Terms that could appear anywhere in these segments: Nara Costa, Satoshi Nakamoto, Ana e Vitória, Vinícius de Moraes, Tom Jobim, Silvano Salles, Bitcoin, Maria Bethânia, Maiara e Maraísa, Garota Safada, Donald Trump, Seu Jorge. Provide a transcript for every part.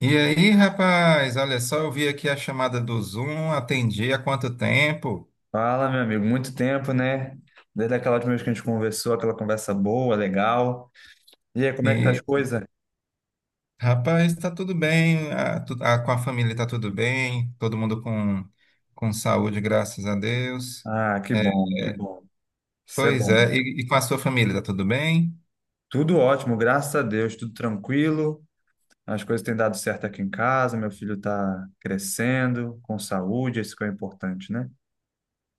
E aí, rapaz, olha só, eu vi aqui a chamada do Zoom, atendi há quanto tempo? Fala, meu amigo, muito tempo, né? Desde aquela última vez que a gente conversou, aquela conversa boa, legal. E aí, como é que tá as E, coisas? rapaz, tá tudo bem, com a família tá tudo bem, todo mundo com saúde, graças a Deus. Ah, que É, bom, que é, bom. Isso é Pois bom. é, e com a sua família, tá tudo bem? Tudo ótimo, graças a Deus, tudo tranquilo. As coisas têm dado certo aqui em casa, meu filho tá crescendo, com saúde, isso que é importante, né?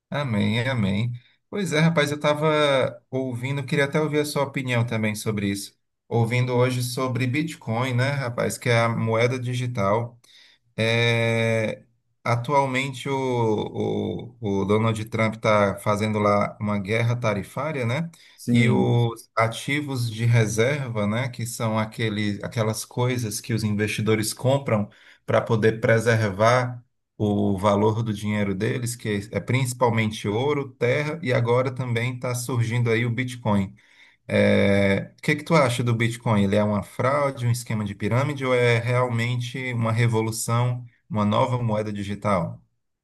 Amém, amém. Pois é, rapaz, eu estava ouvindo, queria até ouvir a sua opinião também sobre isso. Ouvindo hoje sobre Bitcoin, né, rapaz, que é a moeda digital. É, Atualmente o Donald Trump está fazendo lá uma guerra tarifária, né? E Sim. os ativos de reserva, né, que são aquelas coisas que os investidores compram para poder preservar o valor do dinheiro deles, que é principalmente ouro, terra, e agora também está surgindo aí o Bitcoin. É, o que que tu acha do Bitcoin? Ele é uma fraude, um esquema de pirâmide ou é realmente uma revolução, uma nova moeda digital?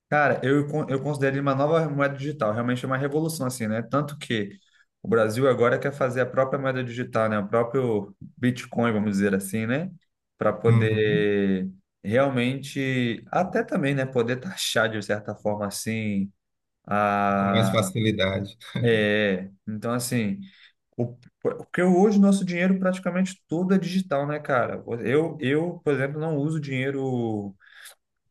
Cara, eu considero ele uma nova moeda digital, realmente é uma revolução, assim, né? Tanto que o Brasil agora quer fazer a própria moeda digital, né? O próprio Bitcoin, vamos dizer assim, né? Para Uhum. poder realmente, até também, né? Poder taxar de certa forma, assim, Com mais a. facilidade. É. Então, assim, porque hoje nosso dinheiro praticamente tudo é digital, né, cara? Eu, por exemplo, não uso dinheiro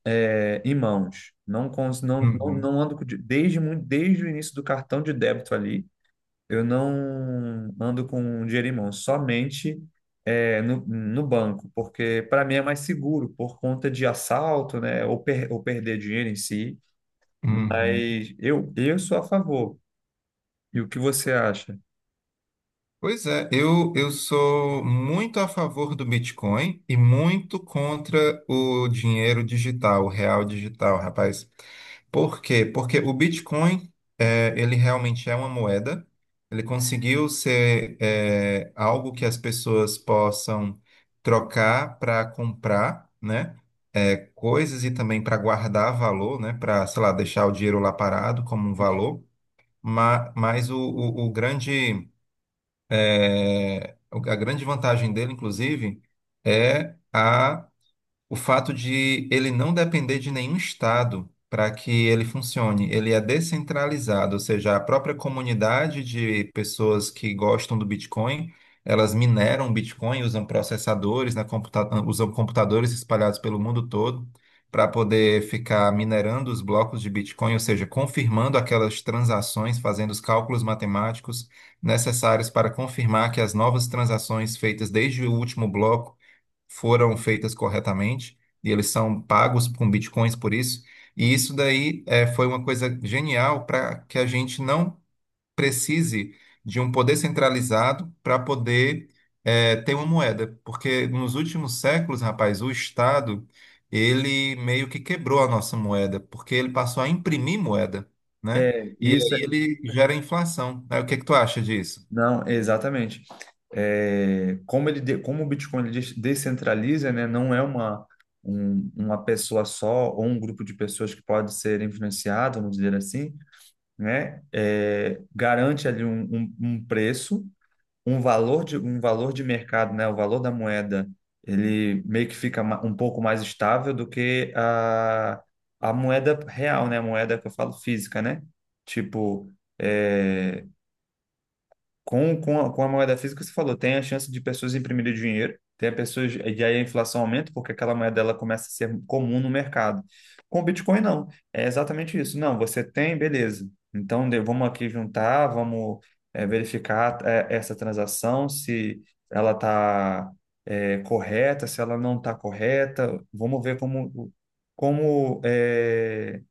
em mãos. Não, não, não, Uhum. não ando desde, muito, desde o início do cartão de débito ali, eu não ando com um dinheiro em mãos, somente no, no banco, porque para mim é mais seguro por conta de assalto, né, ou, per, ou perder dinheiro em si. Uhum. Mas eu sou a favor. E o que você acha? Pois é, eu sou muito a favor do Bitcoin e muito contra o dinheiro digital, o real digital, rapaz. Por quê? Porque o Bitcoin, ele realmente é uma moeda, ele conseguiu ser, algo que as pessoas possam trocar para comprar, né? Coisas e também para guardar valor, né? Para, sei lá, deixar o dinheiro lá parado como um valor. Mas o grande é, o- a grande vantagem dele, inclusive, é a o fato de ele não depender de nenhum estado para que ele funcione. Ele é descentralizado, ou seja, a própria comunidade de pessoas que gostam do Bitcoin, elas mineram Bitcoin, usam processadores, na computa usam computadores espalhados pelo mundo todo para poder ficar minerando os blocos de Bitcoin, ou seja, confirmando aquelas transações, fazendo os cálculos matemáticos necessários para confirmar que as novas transações feitas desde o último bloco foram feitas corretamente e eles são pagos com bitcoins por isso. E isso daí, foi uma coisa genial para que a gente não precise de um poder centralizado para poder ter uma moeda, porque nos últimos séculos, rapaz, o Estado ele meio que quebrou a nossa moeda, porque ele passou a imprimir moeda, né? É, E isso, é aí ele gera inflação. Aí, o que que tu acha disso? Não, exatamente. É, como ele, como o Bitcoin ele descentraliza, né, não é uma, uma pessoa só ou um grupo de pessoas que pode ser influenciado, vamos dizer assim, né, é, garante ali um, um, um preço, um valor de mercado, né, o valor da moeda, ele meio que fica um pouco mais estável do que a moeda real, né, a moeda que eu falo física, né? Tipo, é, com a moeda física, você falou, tem a chance de pessoas imprimirem dinheiro, tem a pessoas, e aí a inflação aumenta porque aquela moeda ela começa a ser comum no mercado. Com o Bitcoin, não. É exatamente isso. Não, você tem, beleza. Então, vamos aqui juntar, vamos verificar essa transação, se ela está correta, se ela não está correta. Vamos ver como, como, é,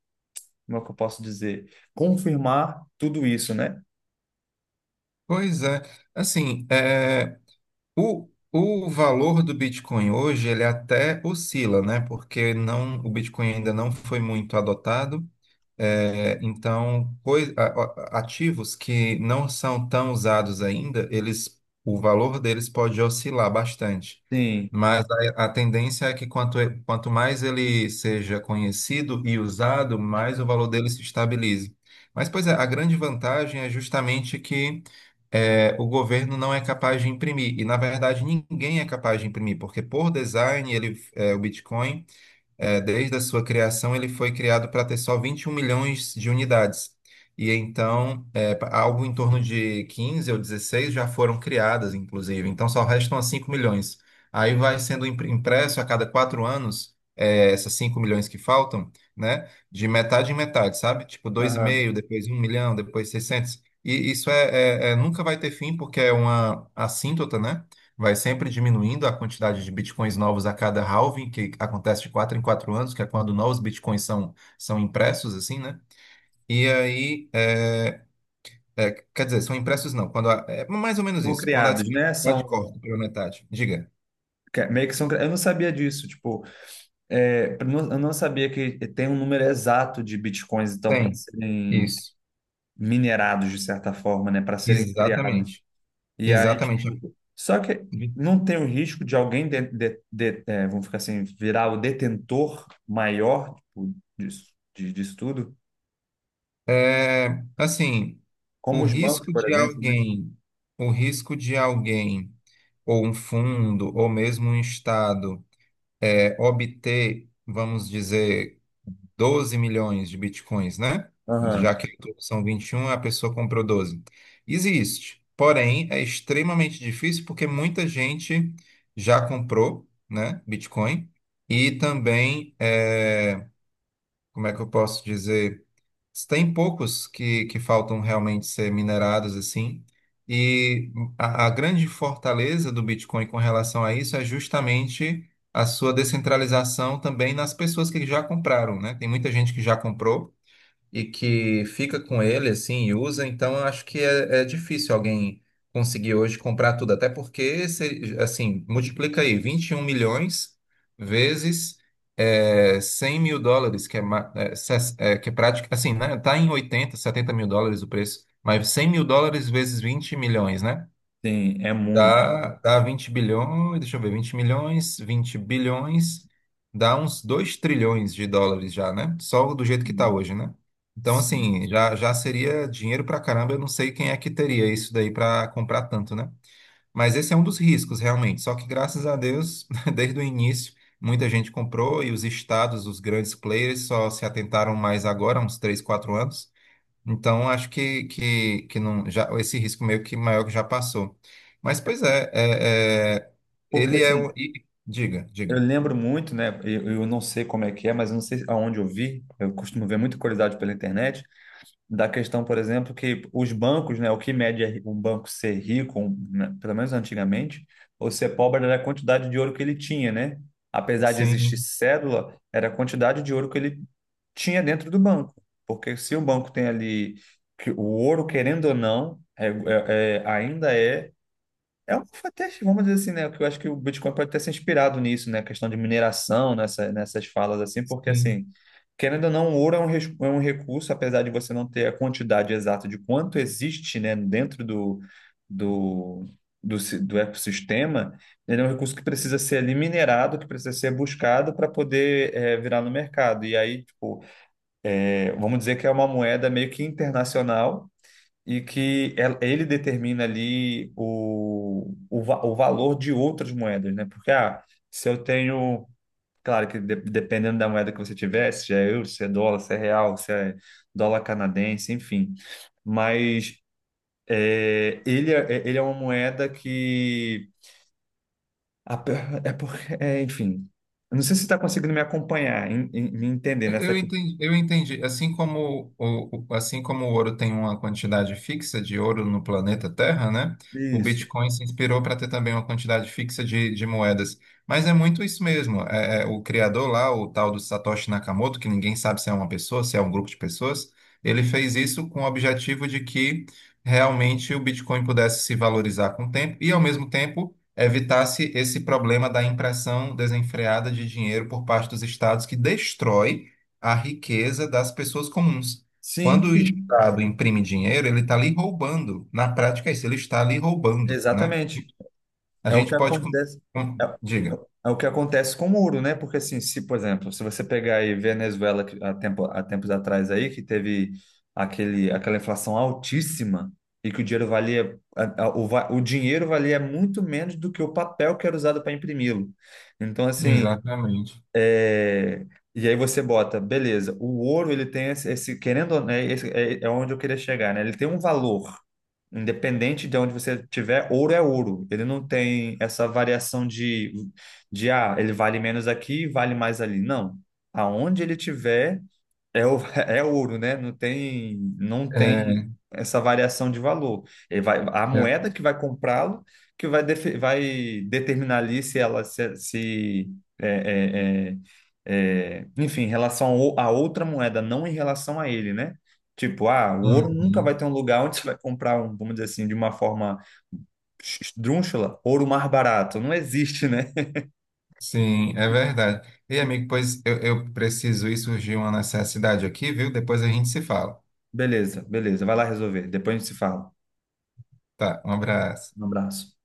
como é que eu posso dizer? Confirmar tudo isso, né? Pois é, assim, O, o valor do Bitcoin hoje, ele até oscila, né? Porque não, o Bitcoin ainda não foi muito adotado. É, então, ativos que não são tão usados ainda, eles, o valor deles pode oscilar bastante. Sim. Mas a tendência é que quanto mais ele seja conhecido e usado, mais o valor dele se estabilize. Mas, pois é, a grande vantagem é justamente que, o governo não é capaz de imprimir. E, na verdade, ninguém é capaz de imprimir, porque por design ele, o Bitcoin. É, desde a sua criação, ele foi criado para ter só 21 milhões de unidades. E então, algo em torno de 15 ou 16 já foram criadas, inclusive. Então, só restam as 5 milhões. Aí vai sendo impresso a cada 4 anos, é, essas 5 milhões que faltam, né? De metade em metade, sabe? Tipo, 2,5, depois 1 milhão, depois 600. E isso nunca vai ter fim, porque é uma assíntota, né? Vai sempre diminuindo a quantidade de bitcoins novos a cada halving, que acontece de 4 em 4 anos, que é quando novos bitcoins são impressos, assim, né? E aí, quer dizer, são impressos não, quando a- é mais ou menos São isso, quando a criados, né? disponibilidade São corta pela metade. Diga. meio que são. Cri- Eu não sabia disso, tipo, eu não sabia que tem um número exato de bitcoins, então, para Tem. serem Isso. minerados de certa forma, né? Para serem criados. Exatamente. E aí, Exatamente. tipo, só que não tem o risco de alguém é, vamos ficar assim, virar o detentor maior, tipo, disso, disso tudo, É, assim, como o os bancos, risco por de exemplo, né? alguém, o risco de alguém, ou um fundo, ou mesmo um estado obter, vamos dizer, 12 milhões de bitcoins, né? Já Aham. que são 21, a pessoa comprou 12. Existe, porém é extremamente difícil porque muita gente já comprou, né, Bitcoin e também, é, como é que eu posso dizer? Tem poucos que faltam realmente ser minerados, assim. E a grande fortaleza do Bitcoin com relação a isso é justamente a sua descentralização também nas pessoas que já compraram, né? Tem muita gente que já comprou e que fica com ele assim e usa, então eu acho que é, é difícil alguém conseguir hoje comprar tudo, até porque se, assim, multiplica aí 21 milhões vezes, 100 mil dólares, que é, ma- é, ses- é, que é prática, assim, né? Tá em 80 mil dólares, 70 mil dólares o preço, mas 100 mil dólares vezes 20 milhões, né? Sim, é muito. Dá 20 bilhões, deixa eu ver, 20 milhões, 20 bilhões, dá uns 2 trilhões de dólares já, né? Só do jeito que tá Sim. hoje, né? Então, Sim. assim, já seria dinheiro pra caramba, eu não sei quem é que teria isso daí pra comprar tanto, né? Mas esse é um dos riscos, realmente. Só que, graças a Deus, desde o início, muita gente comprou e os estados, os grandes players, só se atentaram mais agora, uns 3, 4 anos. Então, acho que não, já, esse risco meio que maior que já passou. Mas, pois é, Porque ele é o. assim, Diga, eu diga. lembro muito, né? Eu não sei como é que é, mas eu não sei aonde eu vi. Eu costumo ver muita curiosidade pela internet da questão, por exemplo, que os bancos, né? O que mede é um banco ser rico, um, né, pelo menos antigamente, ou ser pobre era a quantidade de ouro que ele tinha, né? Apesar de existir Sim, cédula, era a quantidade de ouro que ele tinha dentro do banco. Porque se o banco tem ali que o ouro, querendo ou não, ainda é é um, até, vamos dizer assim, né? Que eu acho que o Bitcoin pode ter se inspirado nisso, né? A questão de mineração, nessa, nessas falas, assim, porque, sim. assim, querendo ou não, o ouro é um, é um recurso, apesar de você não ter a quantidade exata de quanto existe, né, dentro do, do, do ecossistema, ele é um recurso que precisa ser ali minerado, que precisa ser buscado para poder, eh, virar no mercado. E aí, tipo, eh, vamos dizer que é uma moeda meio que internacional e que ele determina ali o, o valor de outras moedas, né? Porque ah, se eu tenho, claro que dependendo da moeda que você tiver, se é euro, se é dólar, se é real, se é dólar canadense, enfim. Mas é, ele é uma moeda que a pe- é porque, é, enfim, eu não sei se você está conseguindo me acompanhar, me entender Eu nessa eu questão. entendi, eu entendi. Assim como o, assim como o ouro tem uma quantidade fixa de ouro no planeta Terra, né? O Isso. Bitcoin se inspirou para ter também uma quantidade fixa de moedas. Mas é muito isso mesmo. O criador lá, o tal do Satoshi Nakamoto, que ninguém sabe se é uma pessoa, se é um grupo de pessoas, ele fez isso com o objetivo de que realmente o Bitcoin pudesse se valorizar com o tempo e, ao mesmo tempo, evitasse esse problema da impressão desenfreada de dinheiro por parte dos estados que destrói a riqueza das pessoas comuns. Sim, Quando o sim, Estado imprime dinheiro, ele está ali roubando. Na prática, é isso, ele está ali roubando, né? exatamente. A É o gente que pode... acontece. É Diga. O que acontece com o muro, né? Porque assim, se, por exemplo, se você pegar aí Venezuela que há tempo, há tempos atrás aí, que teve aquele, aquela inflação altíssima e que o dinheiro valia, o, o dinheiro valia muito menos do que o papel que era usado para imprimi-lo. Então, assim, Exatamente. é, e aí você bota, beleza, o ouro ele tem esse, querendo ou não, é onde eu queria chegar, né? Ele tem um valor, independente de onde você tiver, ouro é ouro. Ele não tem essa variação de ah, ele vale menos aqui, vale mais ali. Não. Aonde ele tiver, é, é ouro, né? Não tem, não tem É, essa variação de valor. Ele vai, a é, moeda que vai comprá-lo, que vai, vai determinar ali se ela se, é, é, é, é, enfim, em relação a outra moeda, não em relação a ele, né? Tipo, ah, o ouro nunca uhum. vai ter um lugar onde você vai comprar, um, vamos dizer assim, de uma forma esdrúxula, ouro mais barato. Não existe, né? Sim, é verdade. E, amigo, pois eu preciso ir, surgiu uma necessidade aqui, viu? Depois a gente se fala. Beleza, beleza. Vai lá resolver. Depois a gente se fala. Tá, um abraço. Um abraço.